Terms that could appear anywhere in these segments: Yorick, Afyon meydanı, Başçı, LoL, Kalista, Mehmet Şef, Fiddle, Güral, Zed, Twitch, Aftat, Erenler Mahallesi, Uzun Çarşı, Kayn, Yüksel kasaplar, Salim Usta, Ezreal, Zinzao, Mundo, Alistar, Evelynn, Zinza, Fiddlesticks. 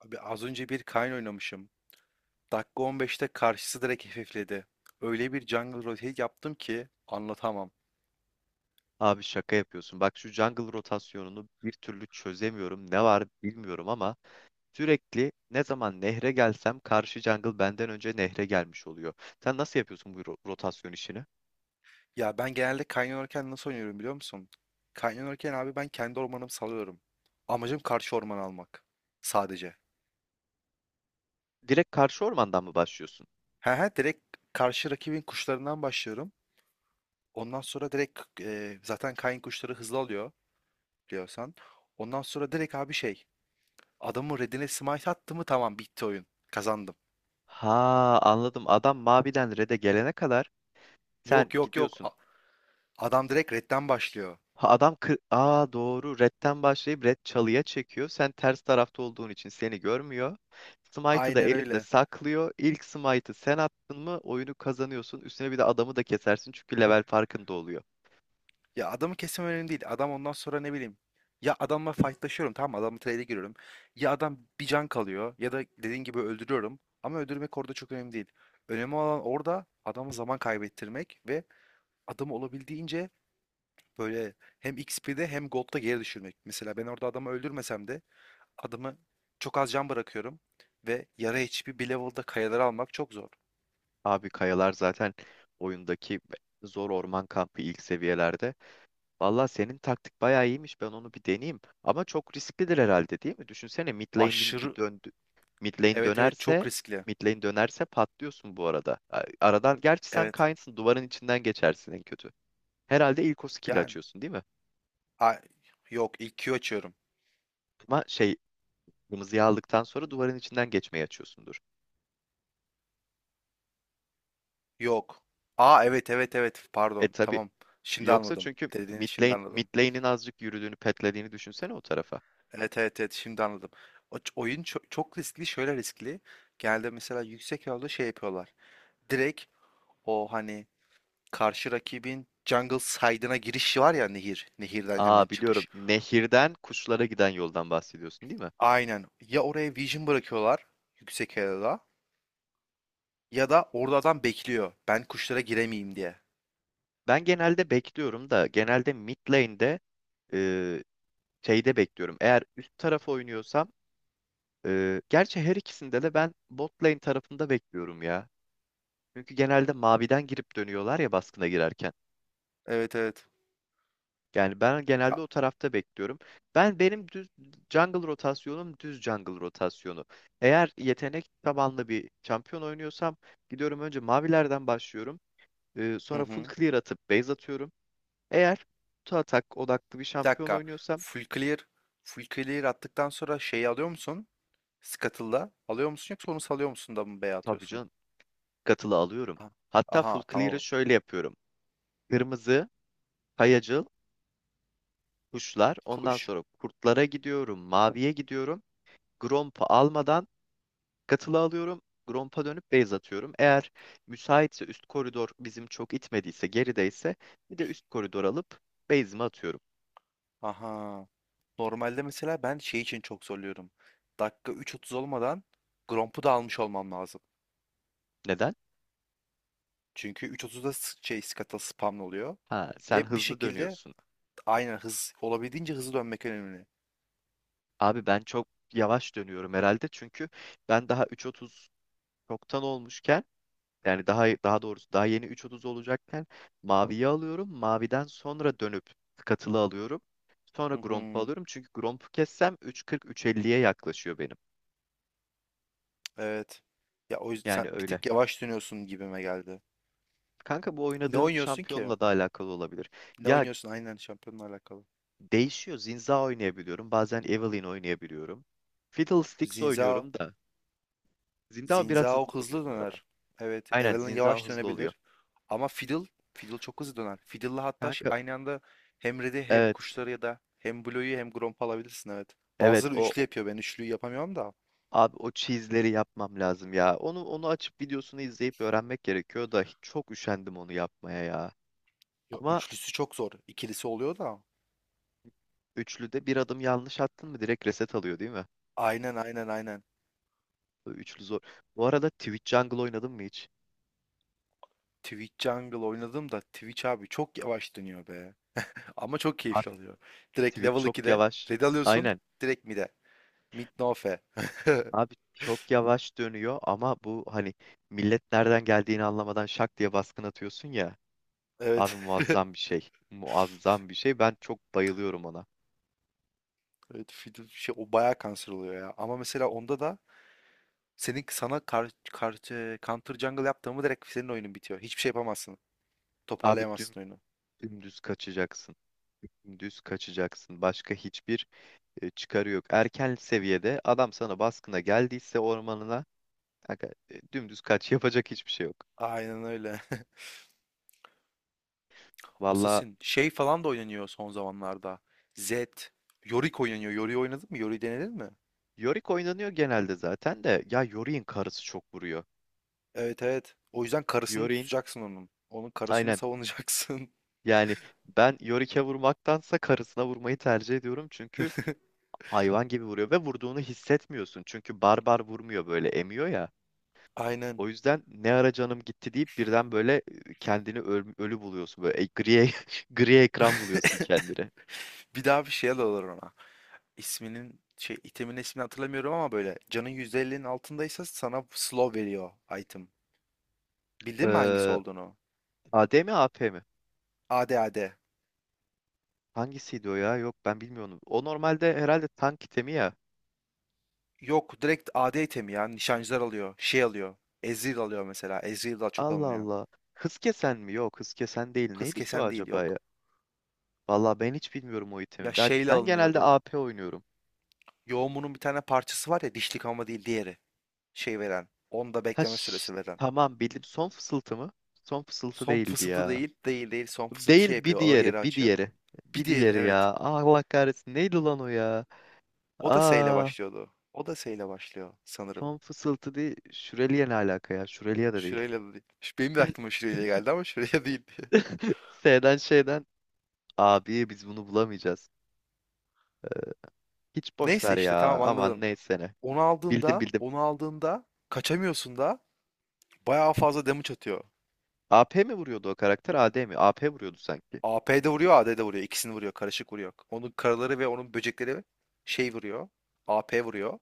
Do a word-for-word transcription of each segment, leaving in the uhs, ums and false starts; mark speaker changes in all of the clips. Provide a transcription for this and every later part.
Speaker 1: Abi az önce bir Kayn oynamışım. Dakika on beşte karşısı direkt hafifledi. Öyle bir jungle rotate yaptım ki anlatamam.
Speaker 2: Abi şaka yapıyorsun. Bak şu jungle rotasyonunu bir türlü çözemiyorum. Ne var bilmiyorum ama sürekli ne zaman nehre gelsem karşı jungle benden önce nehre gelmiş oluyor. Sen nasıl yapıyorsun bu ro- rotasyon işini?
Speaker 1: Ya ben genelde Kayn oynarken nasıl oynuyorum biliyor musun? Kayn oynarken abi ben kendi ormanımı salıyorum. Amacım karşı orman almak. Sadece.
Speaker 2: Direkt karşı ormandan mı başlıyorsun?
Speaker 1: He he direkt karşı rakibin kuşlarından başlıyorum. Ondan sonra direkt e, zaten Kayn kuşları hızlı alıyor biliyorsan. Ondan sonra direkt abi şey adamın redine smite attı mı tamam bitti oyun. Kazandım.
Speaker 2: Ha, anladım. Adam maviden red'e gelene kadar sen
Speaker 1: Yok yok yok.
Speaker 2: gidiyorsun.
Speaker 1: A- Adam direkt redden başlıyor.
Speaker 2: Ha, adam kır... Aa, doğru. Red'den başlayıp Red çalıya çekiyor. Sen ters tarafta olduğun için seni görmüyor. Smite'ı da
Speaker 1: Aynen
Speaker 2: elinde
Speaker 1: öyle.
Speaker 2: saklıyor. İlk Smite'ı sen attın mı oyunu kazanıyorsun. Üstüne bir de adamı da kesersin çünkü level farkında oluyor.
Speaker 1: Ya adamı kesmem önemli değil. Adam ondan sonra ne bileyim. Ya adamla fightlaşıyorum, tamam mı? Adamla trade'e giriyorum. Ya adam bir can kalıyor ya da dediğin gibi öldürüyorum. Ama öldürmek orada çok önemli değil. Önemli olan orada adama zaman kaybettirmek ve adamı olabildiğince böyle hem X P'de hem Gold'da geri düşürmek. Mesela ben orada adamı öldürmesem de adamı çok az can bırakıyorum ve yarı H P bir level'da kayaları almak çok zor.
Speaker 2: Abi kayalar zaten oyundaki zor orman kampı ilk seviyelerde. Valla senin taktik bayağı iyiymiş. Ben onu bir deneyeyim. Ama çok risklidir herhalde değil mi? Düşünsene mid lane bir, bir
Speaker 1: Aşırı,
Speaker 2: döndü. Mid lane
Speaker 1: evet evet
Speaker 2: dönerse
Speaker 1: çok riskli.
Speaker 2: mid lane dönerse patlıyorsun bu arada. A- Aradan gerçi sen
Speaker 1: Evet.
Speaker 2: Kaynsın, duvarın içinden geçersin en kötü. Herhalde ilk o skill'i
Speaker 1: Yani
Speaker 2: açıyorsun değil mi?
Speaker 1: a- yok ilk Q açıyorum.
Speaker 2: Ama şey, kırmızıyı aldıktan sonra duvarın içinden geçmeyi açıyorsundur.
Speaker 1: Yok. Aa evet evet evet,
Speaker 2: E
Speaker 1: pardon.
Speaker 2: tabi.
Speaker 1: Tamam. Şimdi
Speaker 2: Yoksa
Speaker 1: anladım.
Speaker 2: çünkü
Speaker 1: Dediğini
Speaker 2: mid
Speaker 1: şimdi
Speaker 2: lane, mid
Speaker 1: anladım.
Speaker 2: lane'in azıcık yürüdüğünü petlediğini düşünsene o tarafa.
Speaker 1: Evet evet evet, şimdi anladım. O, ç- oyun çok, çok riskli, şöyle riskli. Genelde mesela yüksek level'da şey yapıyorlar. Direkt o, hani karşı rakibin jungle side'ına giriş var ya, nehir. Nehirden hemen
Speaker 2: Aa, biliyorum.
Speaker 1: çıkış.
Speaker 2: Nehirden kuşlara giden yoldan bahsediyorsun değil mi?
Speaker 1: Aynen. Ya oraya vision bırakıyorlar yüksek level'da, ya da orada adam bekliyor. Ben kuşlara giremeyeyim diye.
Speaker 2: Ben genelde bekliyorum da genelde mid lane'de, e, şeyde bekliyorum. Eğer üst tarafı oynuyorsam, e, gerçi her ikisinde de ben bot lane tarafında bekliyorum ya. Çünkü genelde maviden girip dönüyorlar ya baskına girerken.
Speaker 1: Evet evet.
Speaker 2: Yani ben genelde
Speaker 1: Ya.
Speaker 2: o tarafta bekliyorum. Ben benim düz jungle rotasyonum düz jungle rotasyonu. Eğer yetenek tabanlı bir şampiyon oynuyorsam gidiyorum, önce mavilerden başlıyorum. E,
Speaker 1: Hı
Speaker 2: sonra full
Speaker 1: hı.
Speaker 2: clear atıp base atıyorum. Eğer kutu atak odaklı bir
Speaker 1: Bir
Speaker 2: şampiyon
Speaker 1: dakika.
Speaker 2: oynuyorsam,
Speaker 1: Full clear, full clear attıktan sonra şeyi alıyor musun? Scuttle'da alıyor musun, yoksa onu salıyor musun da mı B'ye
Speaker 2: tabii
Speaker 1: atıyorsun?
Speaker 2: canım, katılı alıyorum.
Speaker 1: Aha,
Speaker 2: Hatta
Speaker 1: aha,
Speaker 2: full clear'ı
Speaker 1: tamam.
Speaker 2: şöyle yapıyorum. Kırmızı, kayacıl, kuşlar. Ondan
Speaker 1: Kuş.
Speaker 2: sonra kurtlara gidiyorum. Maviye gidiyorum. Grompa almadan katılı alıyorum. Grompa dönüp base atıyorum. Eğer müsaitse, üst koridor bizim çok itmediyse, gerideyse, bir de üst koridor alıp base'imi atıyorum.
Speaker 1: Aha. Normalde mesela ben şey için çok zorluyorum. Dakika üç otuz olmadan Gromp'u da almış olmam lazım.
Speaker 2: Neden?
Speaker 1: Çünkü üç otuzda s- şey Scuttle spamlı oluyor.
Speaker 2: Ha, sen
Speaker 1: Ve bir
Speaker 2: hızlı
Speaker 1: şekilde
Speaker 2: dönüyorsun.
Speaker 1: aynı hız, olabildiğince hızlı dönmek önemli.
Speaker 2: Abi ben çok yavaş dönüyorum herhalde çünkü ben daha üç otuz çoktan olmuşken. Yani daha daha doğrusu daha yeni üç otuz olacakken maviyi alıyorum. Maviden sonra dönüp katılı alıyorum. Sonra
Speaker 1: Hı
Speaker 2: Gromp'u
Speaker 1: hı,
Speaker 2: alıyorum. Çünkü Gromp'u kessem üç kırk üç elliye yaklaşıyor benim.
Speaker 1: evet. Ya o yüzden
Speaker 2: Yani
Speaker 1: sen bir
Speaker 2: öyle.
Speaker 1: tık yavaş dönüyorsun gibime geldi.
Speaker 2: Kanka bu
Speaker 1: Ne
Speaker 2: oynadığım
Speaker 1: oynuyorsun ki?
Speaker 2: şampiyonla da alakalı olabilir.
Speaker 1: Ne
Speaker 2: Ya,
Speaker 1: oynuyorsun? Aynen, şampiyonla alakalı.
Speaker 2: değişiyor. Zinza oynayabiliyorum. Bazen Evelynn oynayabiliyorum. Fiddlesticks
Speaker 1: Zinzao.
Speaker 2: oynuyorum da. Zinza biraz
Speaker 1: Zinzao
Speaker 2: hızlı oluyor
Speaker 1: hızlı
Speaker 2: bu arada.
Speaker 1: döner. Evet.
Speaker 2: Aynen,
Speaker 1: Evelynn
Speaker 2: Zinza
Speaker 1: yavaş
Speaker 2: hızlı oluyor.
Speaker 1: dönebilir. Ama Fiddle. Fiddle çok hızlı döner. Fiddle'la hatta ş-
Speaker 2: Kanka
Speaker 1: aynı anda hem Red'i hem
Speaker 2: evet.
Speaker 1: kuşları ya da hem Blue'yu hem Gromp'u alabilirsin, evet.
Speaker 2: Evet,
Speaker 1: Bazıları
Speaker 2: o
Speaker 1: üçlü yapıyor. Ben üçlüyü yapamıyorum da.
Speaker 2: abi o cheese'leri yapmam lazım ya. Onu onu açıp videosunu izleyip öğrenmek gerekiyor da hiç- çok üşendim onu yapmaya ya.
Speaker 1: Ya,
Speaker 2: Ama
Speaker 1: üçlüsü çok zor. İkilisi oluyor da.
Speaker 2: üçlüde bir adım yanlış attın mı direkt reset alıyor değil mi?
Speaker 1: Aynen aynen aynen.
Speaker 2: Bu üçlü zor. Bu arada Twitch Jungle oynadın mı hiç?
Speaker 1: Twitch Jungle oynadım da Twitch abi çok yavaş dönüyor be. Ama çok keyifli
Speaker 2: Abi
Speaker 1: oluyor. Direkt
Speaker 2: Twitch
Speaker 1: level
Speaker 2: çok
Speaker 1: ikide
Speaker 2: yavaş.
Speaker 1: red alıyorsun.
Speaker 2: Aynen.
Speaker 1: Direkt mid'e. Mid no fe.
Speaker 2: Abi çok yavaş dönüyor ama bu hani millet nereden geldiğini anlamadan şak diye baskın atıyorsun ya. Abi
Speaker 1: Evet.
Speaker 2: muazzam bir şey. Muazzam bir şey. Ben çok bayılıyorum ona.
Speaker 1: Evet, fidu şey o bayağı kanser oluyor ya. Ama mesela onda da senin, sana kar, kar, e, counter jungle yaptığımı direkt senin oyunun bitiyor. Hiçbir şey yapamazsın.
Speaker 2: Abi dün
Speaker 1: Toparlayamazsın oyunu.
Speaker 2: dümdüz kaçacaksın. Dümdüz kaçacaksın. Başka hiçbir, e, çıkarı yok. Erken seviyede adam sana baskına geldiyse ormanına, aga, e, dümdüz kaç, yapacak hiçbir şey yok.
Speaker 1: Aynen öyle.
Speaker 2: Valla
Speaker 1: Assassin şey falan da oynanıyor son zamanlarda. Zed, Yorick oynanıyor. Yorick'i oynadın mı? Yorick'i denedin mi?
Speaker 2: Yorick oynanıyor genelde zaten de ya Yorick'in karısı çok vuruyor.
Speaker 1: Evet evet. O yüzden karısını
Speaker 2: Yorick'in,
Speaker 1: tutacaksın onun. Onun karısını
Speaker 2: aynen,
Speaker 1: savunacaksın.
Speaker 2: yani ben Yorick'e vurmaktansa karısına vurmayı tercih ediyorum çünkü hayvan gibi vuruyor ve vurduğunu hissetmiyorsun. Çünkü barbar vurmuyor, böyle emiyor ya.
Speaker 1: Aynen.
Speaker 2: O yüzden ne ara canım gitti deyip birden böyle kendini öl- ölü buluyorsun. Böyle e- gri, gri ekran buluyorsun kendine.
Speaker 1: Bir daha bir şey alırlar ona. İsminin şey, itemin ismini hatırlamıyorum ama böyle canın yüzde ellinin altındaysa sana slow veriyor item. Bildin mi hangisi
Speaker 2: Ee,
Speaker 1: olduğunu?
Speaker 2: A D mi A P mi?
Speaker 1: A D A D.
Speaker 2: Hangisiydi o ya? Yok ben bilmiyorum. O normalde herhalde tank itemi ya.
Speaker 1: Yok direkt A D itemi ya. Nişancılar alıyor. Şey alıyor. Ezreal alıyor mesela. Ezreal daha çok
Speaker 2: Allah
Speaker 1: alınıyor.
Speaker 2: Allah. Hız kesen mi? Yok, hız kesen değil.
Speaker 1: Hız
Speaker 2: Neydi ki o
Speaker 1: kesen değil,
Speaker 2: acaba
Speaker 1: yok.
Speaker 2: ya? Vallahi ben hiç bilmiyorum o
Speaker 1: Ya
Speaker 2: itemi. Ben
Speaker 1: şeyle
Speaker 2: ben genelde
Speaker 1: alınıyordu.
Speaker 2: A P oynuyorum.
Speaker 1: Yoğumunun bir tane parçası var ya, dişlik ama değil, diğeri. Şey veren. Onda
Speaker 2: Ha
Speaker 1: bekleme
Speaker 2: şş,
Speaker 1: süresi veren.
Speaker 2: tamam bildim. Son fısıltı mı? Son fısıltı
Speaker 1: Son
Speaker 2: değildi
Speaker 1: fısıltı
Speaker 2: ya.
Speaker 1: değil. Değil değil. Son fısıltı şey
Speaker 2: Değil, bir
Speaker 1: yapıyor, ağır
Speaker 2: diğeri,
Speaker 1: yeri
Speaker 2: bir
Speaker 1: açıyor.
Speaker 2: diğeri.
Speaker 1: Bir
Speaker 2: Bir
Speaker 1: diğeri,
Speaker 2: diğeri
Speaker 1: evet.
Speaker 2: ya. Allah kahretsin. Neydi lan o ya?
Speaker 1: O da S ile
Speaker 2: Aa,
Speaker 1: başlıyordu. O da S ile başlıyor sanırım.
Speaker 2: Tom fısıltı değil. Şüreliye ne alaka ya? Şüreliye de değil.
Speaker 1: Şireyle de değil. Ş- Benim de aklıma Şireyle geldi ama Şireyle değil.
Speaker 2: S'den şeyden. Abi biz bunu bulamayacağız. Hiç boş
Speaker 1: Neyse
Speaker 2: ver
Speaker 1: işte,
Speaker 2: ya.
Speaker 1: tamam
Speaker 2: Aman
Speaker 1: anladın.
Speaker 2: neyse ne.
Speaker 1: Onu
Speaker 2: Bildim
Speaker 1: aldığında,
Speaker 2: bildim.
Speaker 1: onu aldığında kaçamıyorsun da bayağı fazla damage atıyor.
Speaker 2: A P mi vuruyordu o karakter? A D mi? A P vuruyordu sanki.
Speaker 1: A P de vuruyor, A D de vuruyor. İkisini vuruyor, karışık vuruyor. Onun karaları ve onun böcekleri şey vuruyor. A P vuruyor.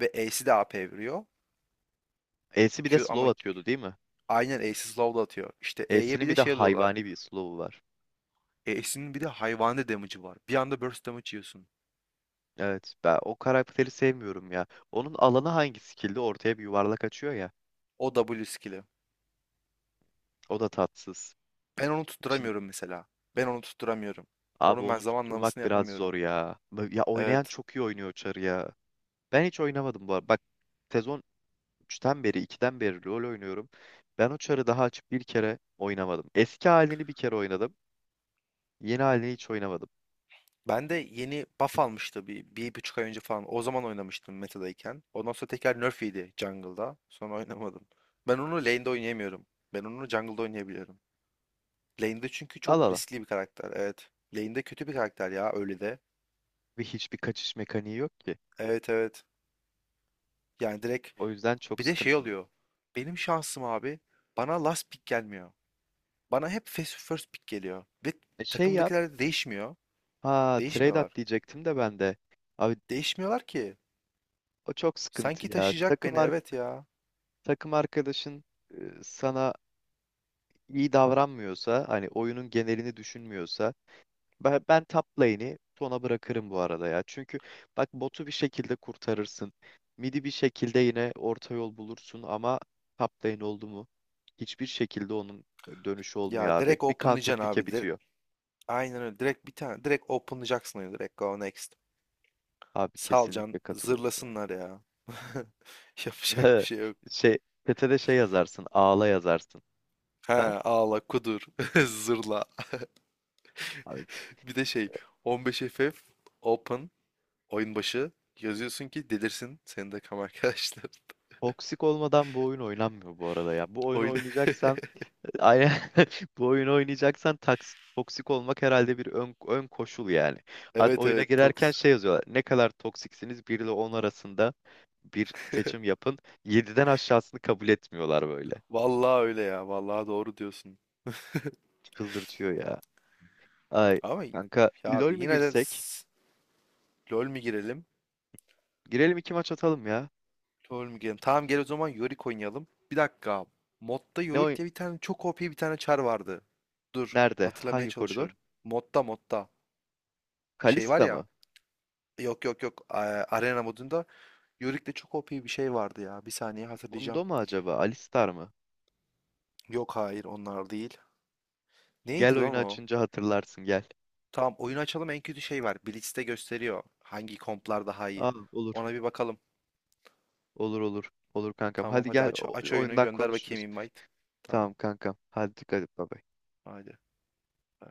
Speaker 1: Ve E'si de A P vuruyor.
Speaker 2: E'si bir de
Speaker 1: Q ama,
Speaker 2: slow atıyordu değil mi?
Speaker 1: aynen E'si slow da atıyor. İşte E'ye bir
Speaker 2: E'sinin bir
Speaker 1: de
Speaker 2: de
Speaker 1: şey alıyorlar.
Speaker 2: hayvani bir slow'u var.
Speaker 1: E'sinin bir de hayvani damage'ı var. Bir anda burst damage yiyorsun.
Speaker 2: Evet, ben o karakteri sevmiyorum ya. Onun alanı hangi skill'de? Ortaya bir yuvarlak açıyor ya.
Speaker 1: O W skill'i.
Speaker 2: O da tatsız.
Speaker 1: Ben onu
Speaker 2: İçin...
Speaker 1: tutturamıyorum mesela. Ben onu tutturamıyorum.
Speaker 2: Abi
Speaker 1: Onun ben
Speaker 2: onu
Speaker 1: zamanlamasını
Speaker 2: tutturmak biraz zor
Speaker 1: yapamıyorum.
Speaker 2: ya. Ya oynayan
Speaker 1: Evet.
Speaker 2: çok iyi oynuyor Çar'ı ya. Ben hiç oynamadım bu arada. Bak sezon üçten beri, ikiden beri LoL oynuyorum. Ben o çarı daha açıp bir kere oynamadım. Eski halini bir kere oynadım. Yeni halini hiç oynamadım.
Speaker 1: Ben de yeni buff almıştı bir, bir buçuk ay önce falan. O zaman oynamıştım metadayken. Ondan sonra tekrar nerf yedi jungle'da. Sonra oynamadım. Ben onu lane'de oynayamıyorum. Ben onu jungle'da oynayabiliyorum. Lane'de çünkü
Speaker 2: Al
Speaker 1: çok
Speaker 2: al. Al.
Speaker 1: riskli bir karakter. Evet. Lane'de kötü bir karakter ya öyle de.
Speaker 2: Ve hiçbir kaçış mekaniği yok ki.
Speaker 1: Evet evet. Yani direkt
Speaker 2: O yüzden çok
Speaker 1: bir de şey
Speaker 2: sıkıntılı.
Speaker 1: oluyor. Benim şansım abi, bana last pick gelmiyor. Bana hep first first pick geliyor. Ve
Speaker 2: E şey yap.
Speaker 1: takımdakiler de değişmiyor.
Speaker 2: Ha, trade at
Speaker 1: Değişmiyorlar.
Speaker 2: diyecektim de ben de. Abi
Speaker 1: Değişmiyorlar ki.
Speaker 2: o çok sıkıntı
Speaker 1: Sanki
Speaker 2: ya.
Speaker 1: taşıyacak
Speaker 2: Takım
Speaker 1: beni,
Speaker 2: ar-
Speaker 1: evet ya.
Speaker 2: takım arkadaşın, e, sana iyi davranmıyorsa, hani oyunun genelini düşünmüyorsa, Ben, ben top lane'i Tona bırakırım bu arada ya. Çünkü bak botu bir şekilde kurtarırsın. Midi bir şekilde yine orta yol bulursun ama top lane oldu mu hiçbir şekilde onun, e, dönüşü
Speaker 1: Ya
Speaker 2: olmuyor abi.
Speaker 1: direkt
Speaker 2: Bir counter
Speaker 1: openlayacaksın
Speaker 2: pick'e
Speaker 1: abi. Dire-
Speaker 2: bitiyor.
Speaker 1: Aynen öyle. Direkt bir tane. Direkt openlayacaksın öyle. Direkt go next.
Speaker 2: Abi
Speaker 1: Salcan
Speaker 2: kesinlikle katılıyorum ya.
Speaker 1: zırlasınlar ya. Yapacak bir şey yok.
Speaker 2: Şey, chat'e şey yazarsın, ağla yazarsın.
Speaker 1: He
Speaker 2: Ha?
Speaker 1: ağla kudur. Zırla.
Speaker 2: Abi,
Speaker 1: Bir de şey, on beş F F open oyun başı yazıyorsun ki delirsin senin de kam arkadaşlar.
Speaker 2: toksik olmadan bu oyun oynanmıyor bu arada ya. Bu oyunu
Speaker 1: Oyun
Speaker 2: oynayacaksan aynen, bu oyunu oynayacaksan taks- toksik olmak herhalde bir ön, ön koşul yani. Hadi
Speaker 1: evet
Speaker 2: oyuna
Speaker 1: evet, Tox.
Speaker 2: girerken şey yazıyorlar. Ne kadar toksiksiniz bir ile on arasında bir seçim yapın. Yediden aşağısını kabul etmiyorlar böyle.
Speaker 1: Vallahi öyle ya. Vallahi doğru diyorsun.
Speaker 2: Çıldırtıyor ya. Ay
Speaker 1: Ama ya
Speaker 2: kanka, LoL
Speaker 1: abi,
Speaker 2: mü
Speaker 1: yine de
Speaker 2: girsek?
Speaker 1: LoL mi girelim?
Speaker 2: Girelim, iki maç atalım ya.
Speaker 1: LoL mi girelim? Tamam gel o zaman Yorick oynayalım. Bir dakika. Modda
Speaker 2: Ne
Speaker 1: Yorick
Speaker 2: oyun?
Speaker 1: diye bir tane çok O P bir tane çar vardı. Dur.
Speaker 2: Nerede?
Speaker 1: Hatırlamaya
Speaker 2: Hangi koridor?
Speaker 1: çalışıyorum. Modda modda. Şey var
Speaker 2: Kalista
Speaker 1: ya.
Speaker 2: mı?
Speaker 1: Yok yok yok. a- Arena modunda Yorick'te çok O P bir şey vardı ya. Bir saniye
Speaker 2: Mundo
Speaker 1: hatırlayacağım.
Speaker 2: mu acaba? Alistar mı?
Speaker 1: Yok, hayır onlar değil.
Speaker 2: Gel,
Speaker 1: Neydi lan
Speaker 2: oyunu
Speaker 1: o?
Speaker 2: açınca hatırlarsın, gel.
Speaker 1: Tamam oyunu açalım, en kötü şey var. Blitz'te gösteriyor hangi komplar daha iyi.
Speaker 2: Aa, olur.
Speaker 1: Ona bir bakalım.
Speaker 2: Olur olur. Olur kankam.
Speaker 1: Tamam
Speaker 2: Hadi
Speaker 1: hadi,
Speaker 2: gel,
Speaker 1: aç
Speaker 2: o-
Speaker 1: aç oyunu,
Speaker 2: oyundan
Speaker 1: gönder
Speaker 2: konuşuruz.
Speaker 1: bakayım invite.
Speaker 2: Tamam
Speaker 1: Tamam
Speaker 2: kankam. Hadi dikkat et baba.
Speaker 1: hadi. Ee,